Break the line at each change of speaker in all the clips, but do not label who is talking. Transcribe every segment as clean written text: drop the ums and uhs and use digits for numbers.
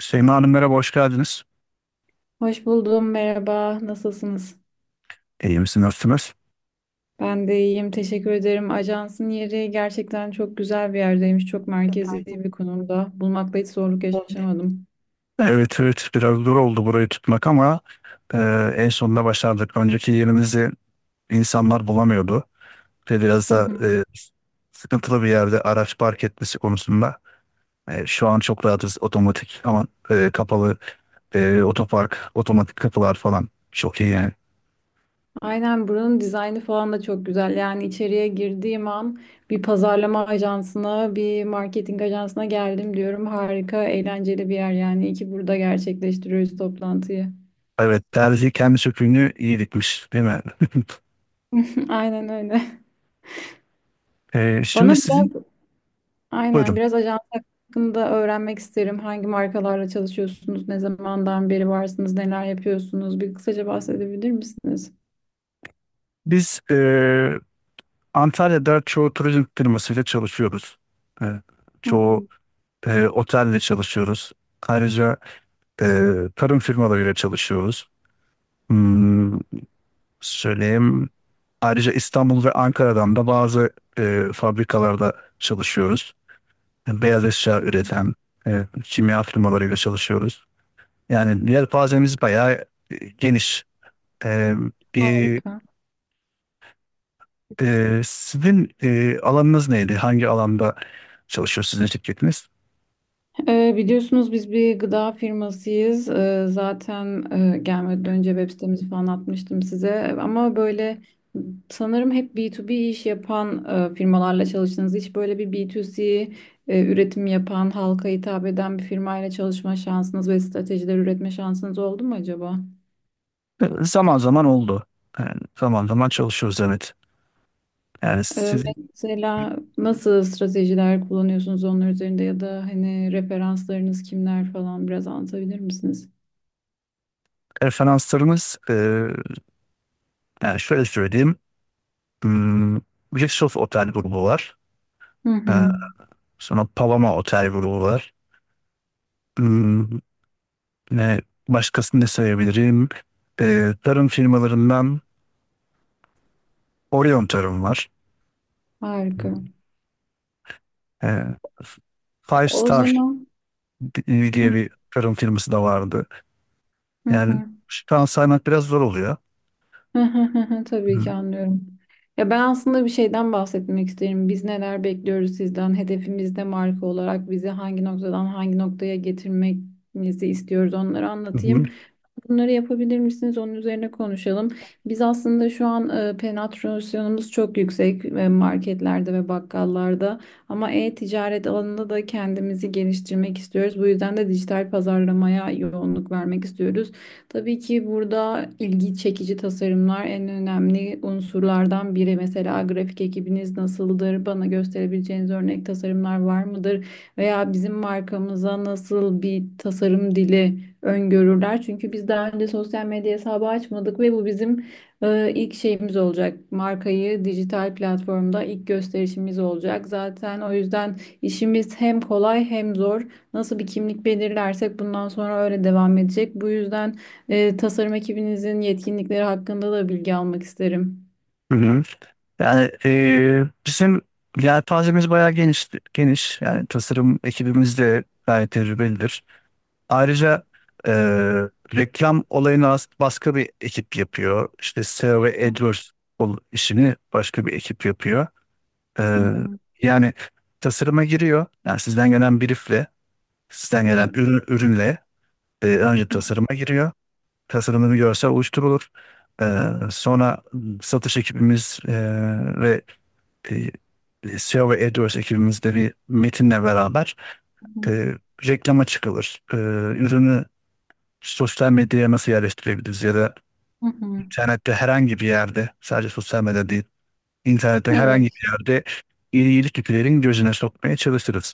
Şeyma Hanım merhaba, hoş geldiniz.
Hoş buldum, merhaba. Nasılsınız?
İyi misin, nasılsınız?
Ben de iyiyim, teşekkür ederim. Ajansın yeri gerçekten çok güzel bir yerdeymiş, çok merkezi bir konumda. Bulmakta hiç zorluk yaşamadım.
Evet, evet, biraz zor oldu burayı tutmak ama e, en sonunda başardık. Önceki yerimizi insanlar bulamıyordu. Ve biraz
Hı
da
hı.
sıkıntılı bir yerde araç park etmesi konusunda. Şu an çok rahatız, otomatik ama kapalı otopark, otomatik kapılar falan. Çok iyi yani.
Aynen, buranın dizaynı falan da çok güzel. Yani içeriye girdiğim an bir pazarlama ajansına, bir marketing ajansına geldim diyorum. Harika, eğlenceli bir yer yani. İyi ki burada gerçekleştiriyoruz toplantıyı.
Evet, terzi kendi söküğünü iyi dikmiş, değil mi?
Aynen öyle.
Şimdi
Bana
sizin,
biraz Aynen
buyurun.
biraz ajans hakkında öğrenmek isterim. Hangi markalarla çalışıyorsunuz, ne zamandan beri varsınız, neler yapıyorsunuz? Bir kısaca bahsedebilir misiniz?
Biz Antalya'da çoğu turizm firmasıyla çalışıyoruz. E,
Hı
Çoğu
hı.
otelle çalışıyoruz. Ayrıca tarım firmalarıyla çalışıyoruz. Hmm, söyleyeyim. Ayrıca İstanbul ve Ankara'dan da bazı fabrikalarda çalışıyoruz. Beyaz eşya üreten kimya firmalarıyla çalışıyoruz. Yani yelpazemiz bayağı geniş. E, bir,
Harika.
sizin alanınız neydi? Hangi alanda çalışıyor sizin şirketiniz?
Biliyorsunuz biz bir gıda firmasıyız. Zaten gelmeden önce web sitemizi falan atmıştım size. Ama böyle sanırım hep B2B iş yapan firmalarla çalıştınız. Hiç böyle bir B2C üretim yapan, halka hitap eden bir firmayla çalışma şansınız ve stratejiler üretme şansınız oldu mu acaba?
Zaman zaman oldu. Yani zaman zaman çalışıyoruz evet. Yani
Ee,
sizin
Mesela nasıl stratejiler kullanıyorsunuz onlar üzerinde, ya da hani referanslarınız kimler falan biraz anlatabilir misiniz?
referanslarınız yani şöyle söyleyeyim. Hmm, Rixos Otel grubu var.
Hı
Ee,
hı.
sonra Paloma Otel grubu var. Hmm, ne, başkasını ne sayabilirim? Tarım firmalarından Orion Tarım var.
Harika.
Ee, Five
O
Star
zaman. Hı
diye bir tarım firması da vardı. Yani
hı
şu an saymak biraz zor oluyor.
hı.
Hı
Tabii
hı.
ki anlıyorum. Ya, ben aslında bir şeyden bahsetmek isterim. Biz neler bekliyoruz sizden? Hedefimiz de marka olarak bizi hangi noktadan hangi noktaya getirmenizi istiyoruz, onları
Hı
anlatayım.
hı.
Bunları yapabilir misiniz? Onun üzerine konuşalım. Biz aslında şu an penetrasyonumuz çok yüksek, marketlerde ve bakkallarda, ama e-ticaret alanında da kendimizi geliştirmek istiyoruz. Bu yüzden de dijital pazarlamaya yoğunluk vermek istiyoruz. Tabii ki burada ilgi çekici tasarımlar en önemli unsurlardan biri. Mesela grafik ekibiniz nasıldır? Bana gösterebileceğiniz örnek tasarımlar var mıdır? Veya bizim markamıza nasıl bir tasarım dili öngörürler. Çünkü biz daha önce sosyal medya hesabı açmadık ve bu bizim ilk şeyimiz olacak. Markayı dijital platformda ilk gösterişimiz olacak. Zaten o yüzden işimiz hem kolay hem zor. Nasıl bir kimlik belirlersek bundan sonra öyle devam edecek. Bu yüzden tasarım ekibinizin yetkinlikleri hakkında da bilgi almak isterim.
Hı hı. Yani bizim yelpazemiz bayağı geniş. Yani tasarım ekibimiz de gayet tecrübelidir. Ayrıca e, reklam olayını başka bir ekip yapıyor. İşte SEO ve AdWords işini başka bir ekip yapıyor. E,
Hı hı.
yani tasarıma giriyor. Yani sizden gelen briefle, sizden gelen
Evet.
ürünle önce
Hı
tasarıma giriyor. Tasarımını bir görsel oluşturulur. E, Sonra satış ekibimiz e, ve e, S e, SEO ve AdWords ekibimizde bir metinle beraber
hı.
e, reklama çıkılır. Ürünü sosyal medyaya nasıl yerleştirebiliriz ya da
Hı hı.
internette herhangi bir yerde, sadece sosyal medya değil, internette herhangi
Evet.
bir yerde iyilik yüklerin gözüne sokmaya çalışırız.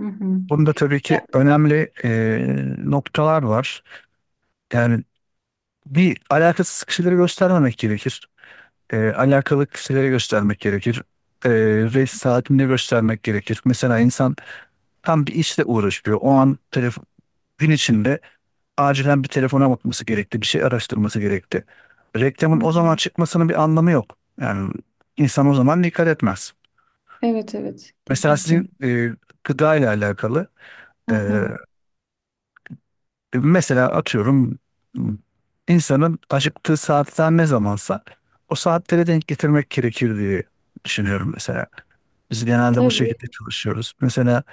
Hı hı.
Bunda tabii ki önemli noktalar var. Yani bir alakasız kişileri göstermemek gerekir. Alakalı kişileri göstermek gerekir. E, Ve saatini göstermek gerekir. Mesela insan tam bir işle uğraşıyor. O an telefon, gün içinde acilen bir telefona bakması gerekti, bir şey araştırması gerekti.
Hı
Reklamın o
hı.
zaman çıkmasının bir anlamı yok. Yani insan o zaman dikkat etmez.
Evet, evet,
Mesela
kesinlikle.
sizin gıda ile alakalı
Hı
e,
hı.
mesela atıyorum insanın acıktığı saatler ne zamansa o saatlere denk getirmek gerekir diye düşünüyorum mesela. Biz genelde bu
Tabii.
şekilde çalışıyoruz. Mesela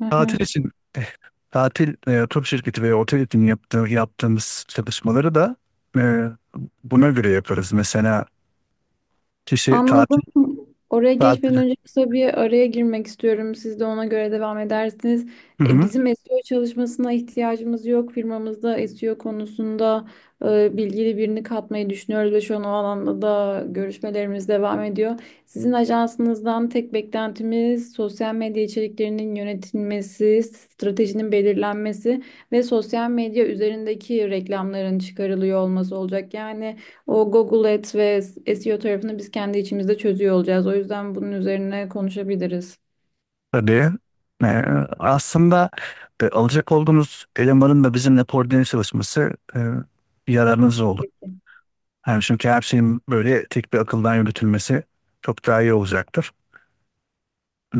Hı hı.
tatil için tur şirketi veya otel için yaptığımız çalışmaları da e, buna göre yaparız. Mesela kişi tatil
Anladım. Oraya
tatil
geçmeden önce kısa bir araya girmek istiyorum. Siz de ona göre devam edersiniz.
hı hı,
Bizim SEO çalışmasına ihtiyacımız yok. Firmamızda SEO konusunda bilgili birini katmayı düşünüyoruz ve şu an o alanda da görüşmelerimiz devam ediyor. Sizin ajansınızdan tek beklentimiz sosyal medya içeriklerinin yönetilmesi, stratejinin belirlenmesi ve sosyal medya üzerindeki reklamların çıkarılıyor olması olacak. Yani o Google Ads ve SEO tarafını biz kendi içimizde çözüyor olacağız. O yüzden bunun üzerine konuşabiliriz.
tabii. E, Aslında alacak olduğunuz elemanın da bizimle koordine çalışması e, yararınız olur.
Peki.
Yani çünkü her şeyin böyle tek bir akıldan yürütülmesi çok daha iyi olacaktır.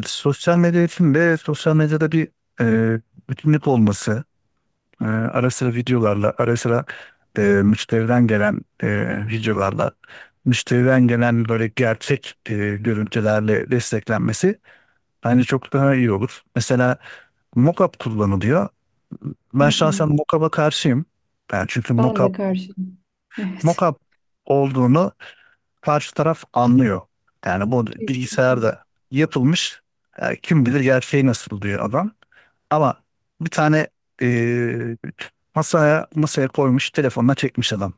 Sosyal medya için de sosyal medyada bir e, bütünlük olması, ara sıra videolarla, ara sıra müşteriden gelen videolarla, müşteriden gelen böyle gerçek görüntülerle desteklenmesi bence çok daha iyi olur. Mesela mockup kullanılıyor.
Hı
Ben
hı.
şahsen mockup'a karşıyım. Ben çünkü
Ben de
mockup,
karşıyım. Evet,
mockup olduğunu karşı taraf anlıyor. Yani bu
kesinlikle.
bilgisayarda yapılmış, kim bilir gerçeği nasıl diyor adam. Ama bir tane eee, masaya koymuş telefonla çekmiş adam.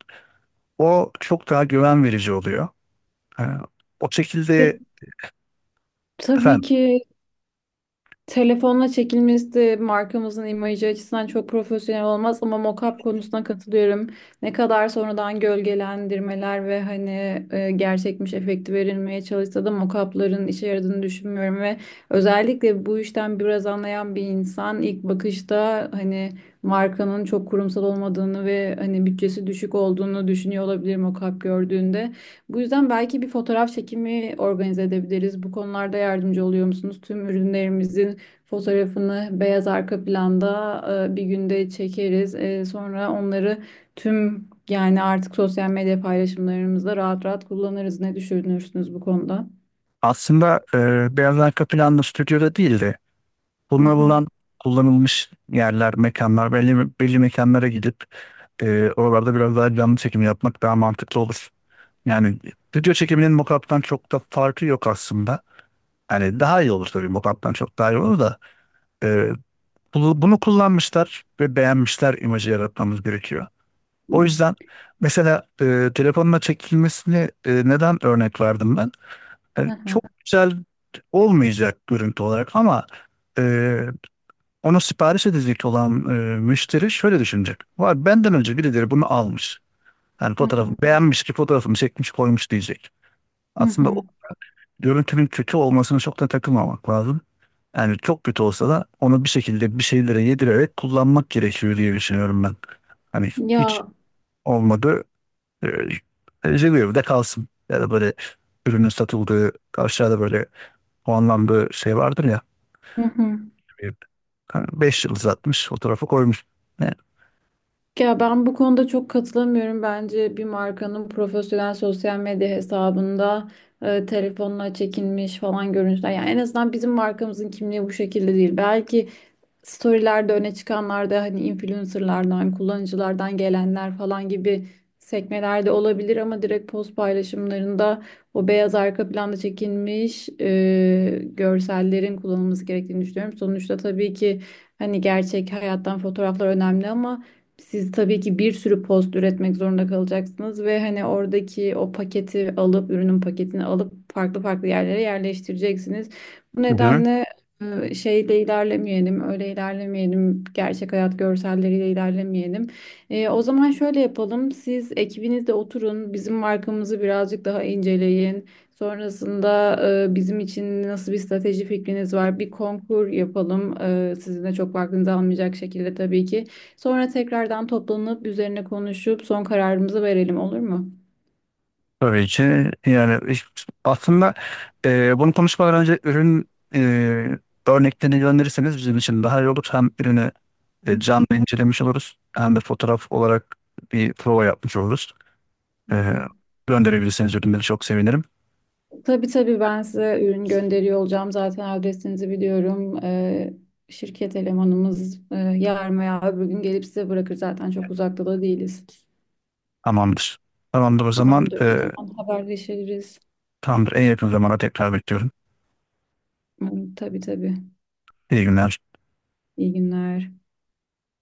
O çok daha güven verici oluyor. Ee, O
Bir-
şekilde
tabii
efendim,
ki telefonla çekilmesi de markamızın imajı açısından çok profesyonel olmaz, ama mock-up konusuna katılıyorum. Ne kadar sonradan gölgelendirmeler ve hani gerçekmiş efekti verilmeye çalışsa da mock-up'ların işe yaradığını düşünmüyorum ve özellikle bu işten biraz anlayan bir insan ilk bakışta hani markanın çok kurumsal olmadığını ve hani bütçesi düşük olduğunu düşünüyor olabilir mock-up gördüğünde. Bu yüzden belki bir fotoğraf çekimi organize edebiliriz. Bu konularda yardımcı oluyor musunuz? Tüm ürünlerimizin fotoğrafını beyaz arka planda bir günde çekeriz. Sonra onları tüm, yani artık sosyal medya paylaşımlarımızda rahat rahat kullanırız. Ne düşünürsünüz bu konuda?
aslında beyaz arka planlı stüdyoda değil de
Hı hı.
kullanılan, kullanılmış yerler, mekanlar, belli mekanlara gidip oralarda biraz daha canlı çekim yapmak daha mantıklı olur. Yani stüdyo çekiminin mockup'tan çok da farkı yok aslında. Yani daha iyi olur tabii, mockup'tan çok daha iyi olur da e, bunu kullanmışlar ve beğenmişler imajı yaratmamız gerekiyor. O yüzden mesela telefonla çekilmesini neden örnek verdim ben?
Hı hı.
Çok güzel olmayacak görüntü olarak ama e, onu sipariş edecek olan müşteri şöyle düşünecek. Var, benden önce birileri bunu almış. Yani
Hı
fotoğrafı
hı.
beğenmiş ki fotoğrafımı çekmiş koymuş diyecek.
Hı
Aslında
hı.
görüntünün kötü olmasına çok da takılmamak lazım. Yani çok kötü olsa da onu bir şekilde bir şeylere yedirerek kullanmak gerekiyor diye düşünüyorum ben. Hani hiç
Ya,
olmadı. E, Rezil de kalsın. Ya da böyle ürünün satıldığı aşağıda böyle puanlandığı şey vardır ya.
hı hı.
Hani beş yıldız atmış fotoğrafı koymuş.
Ya, ben bu konuda çok katılamıyorum. Bence bir markanın profesyonel sosyal medya hesabında telefonla çekilmiş falan görüntüler. Yani en azından bizim markamızın kimliği bu şekilde değil. Belki storylerde öne çıkanlarda hani influencerlardan, kullanıcılardan gelenler falan gibi sekmelerde olabilir, ama direkt post paylaşımlarında o beyaz arka planda çekilmiş görsellerin kullanılması gerektiğini düşünüyorum. Sonuçta tabii ki hani gerçek hayattan fotoğraflar önemli, ama siz tabii ki bir sürü post üretmek zorunda kalacaksınız ve hani oradaki o paketi alıp ürünün paketini alıp farklı farklı yerlere yerleştireceksiniz. Bu
Ne?
nedenle şeyde ilerlemeyelim, öyle ilerlemeyelim, gerçek hayat görselleriyle ilerlemeyelim. O zaman şöyle yapalım, siz ekibinizde oturun, bizim markamızı birazcık daha inceleyin. Sonrasında bizim için nasıl bir strateji fikriniz var? Bir konkur yapalım, sizin de çok vaktinizi almayacak şekilde tabii ki. Sonra tekrardan toplanıp üzerine konuşup son kararımızı verelim, olur mu?
Tabii ki yani aslında bunu konuşmadan önce ürün e, örneklerini gönderirseniz bizim için daha iyi olur. Hem ürünü canlı incelemiş oluruz hem de fotoğraf olarak bir prova yapmış oluruz.
Hı
E,
hı.
Gönderebilirseniz ürünleri çok sevinirim.
Tabii tabii ben size ürün gönderiyor olacağım. Zaten adresinizi biliyorum. Şirket elemanımız yarın veya öbür gün gelip size bırakır. Zaten çok uzakta da değiliz.
Tamamdır. Tamamdır o zaman,
Tamamdır o zaman, haberleşiriz.
tamamdır, en yakın zamana tekrar bekliyorum.
Hı. Tabii tabii.
İyi günler.
İyi günler.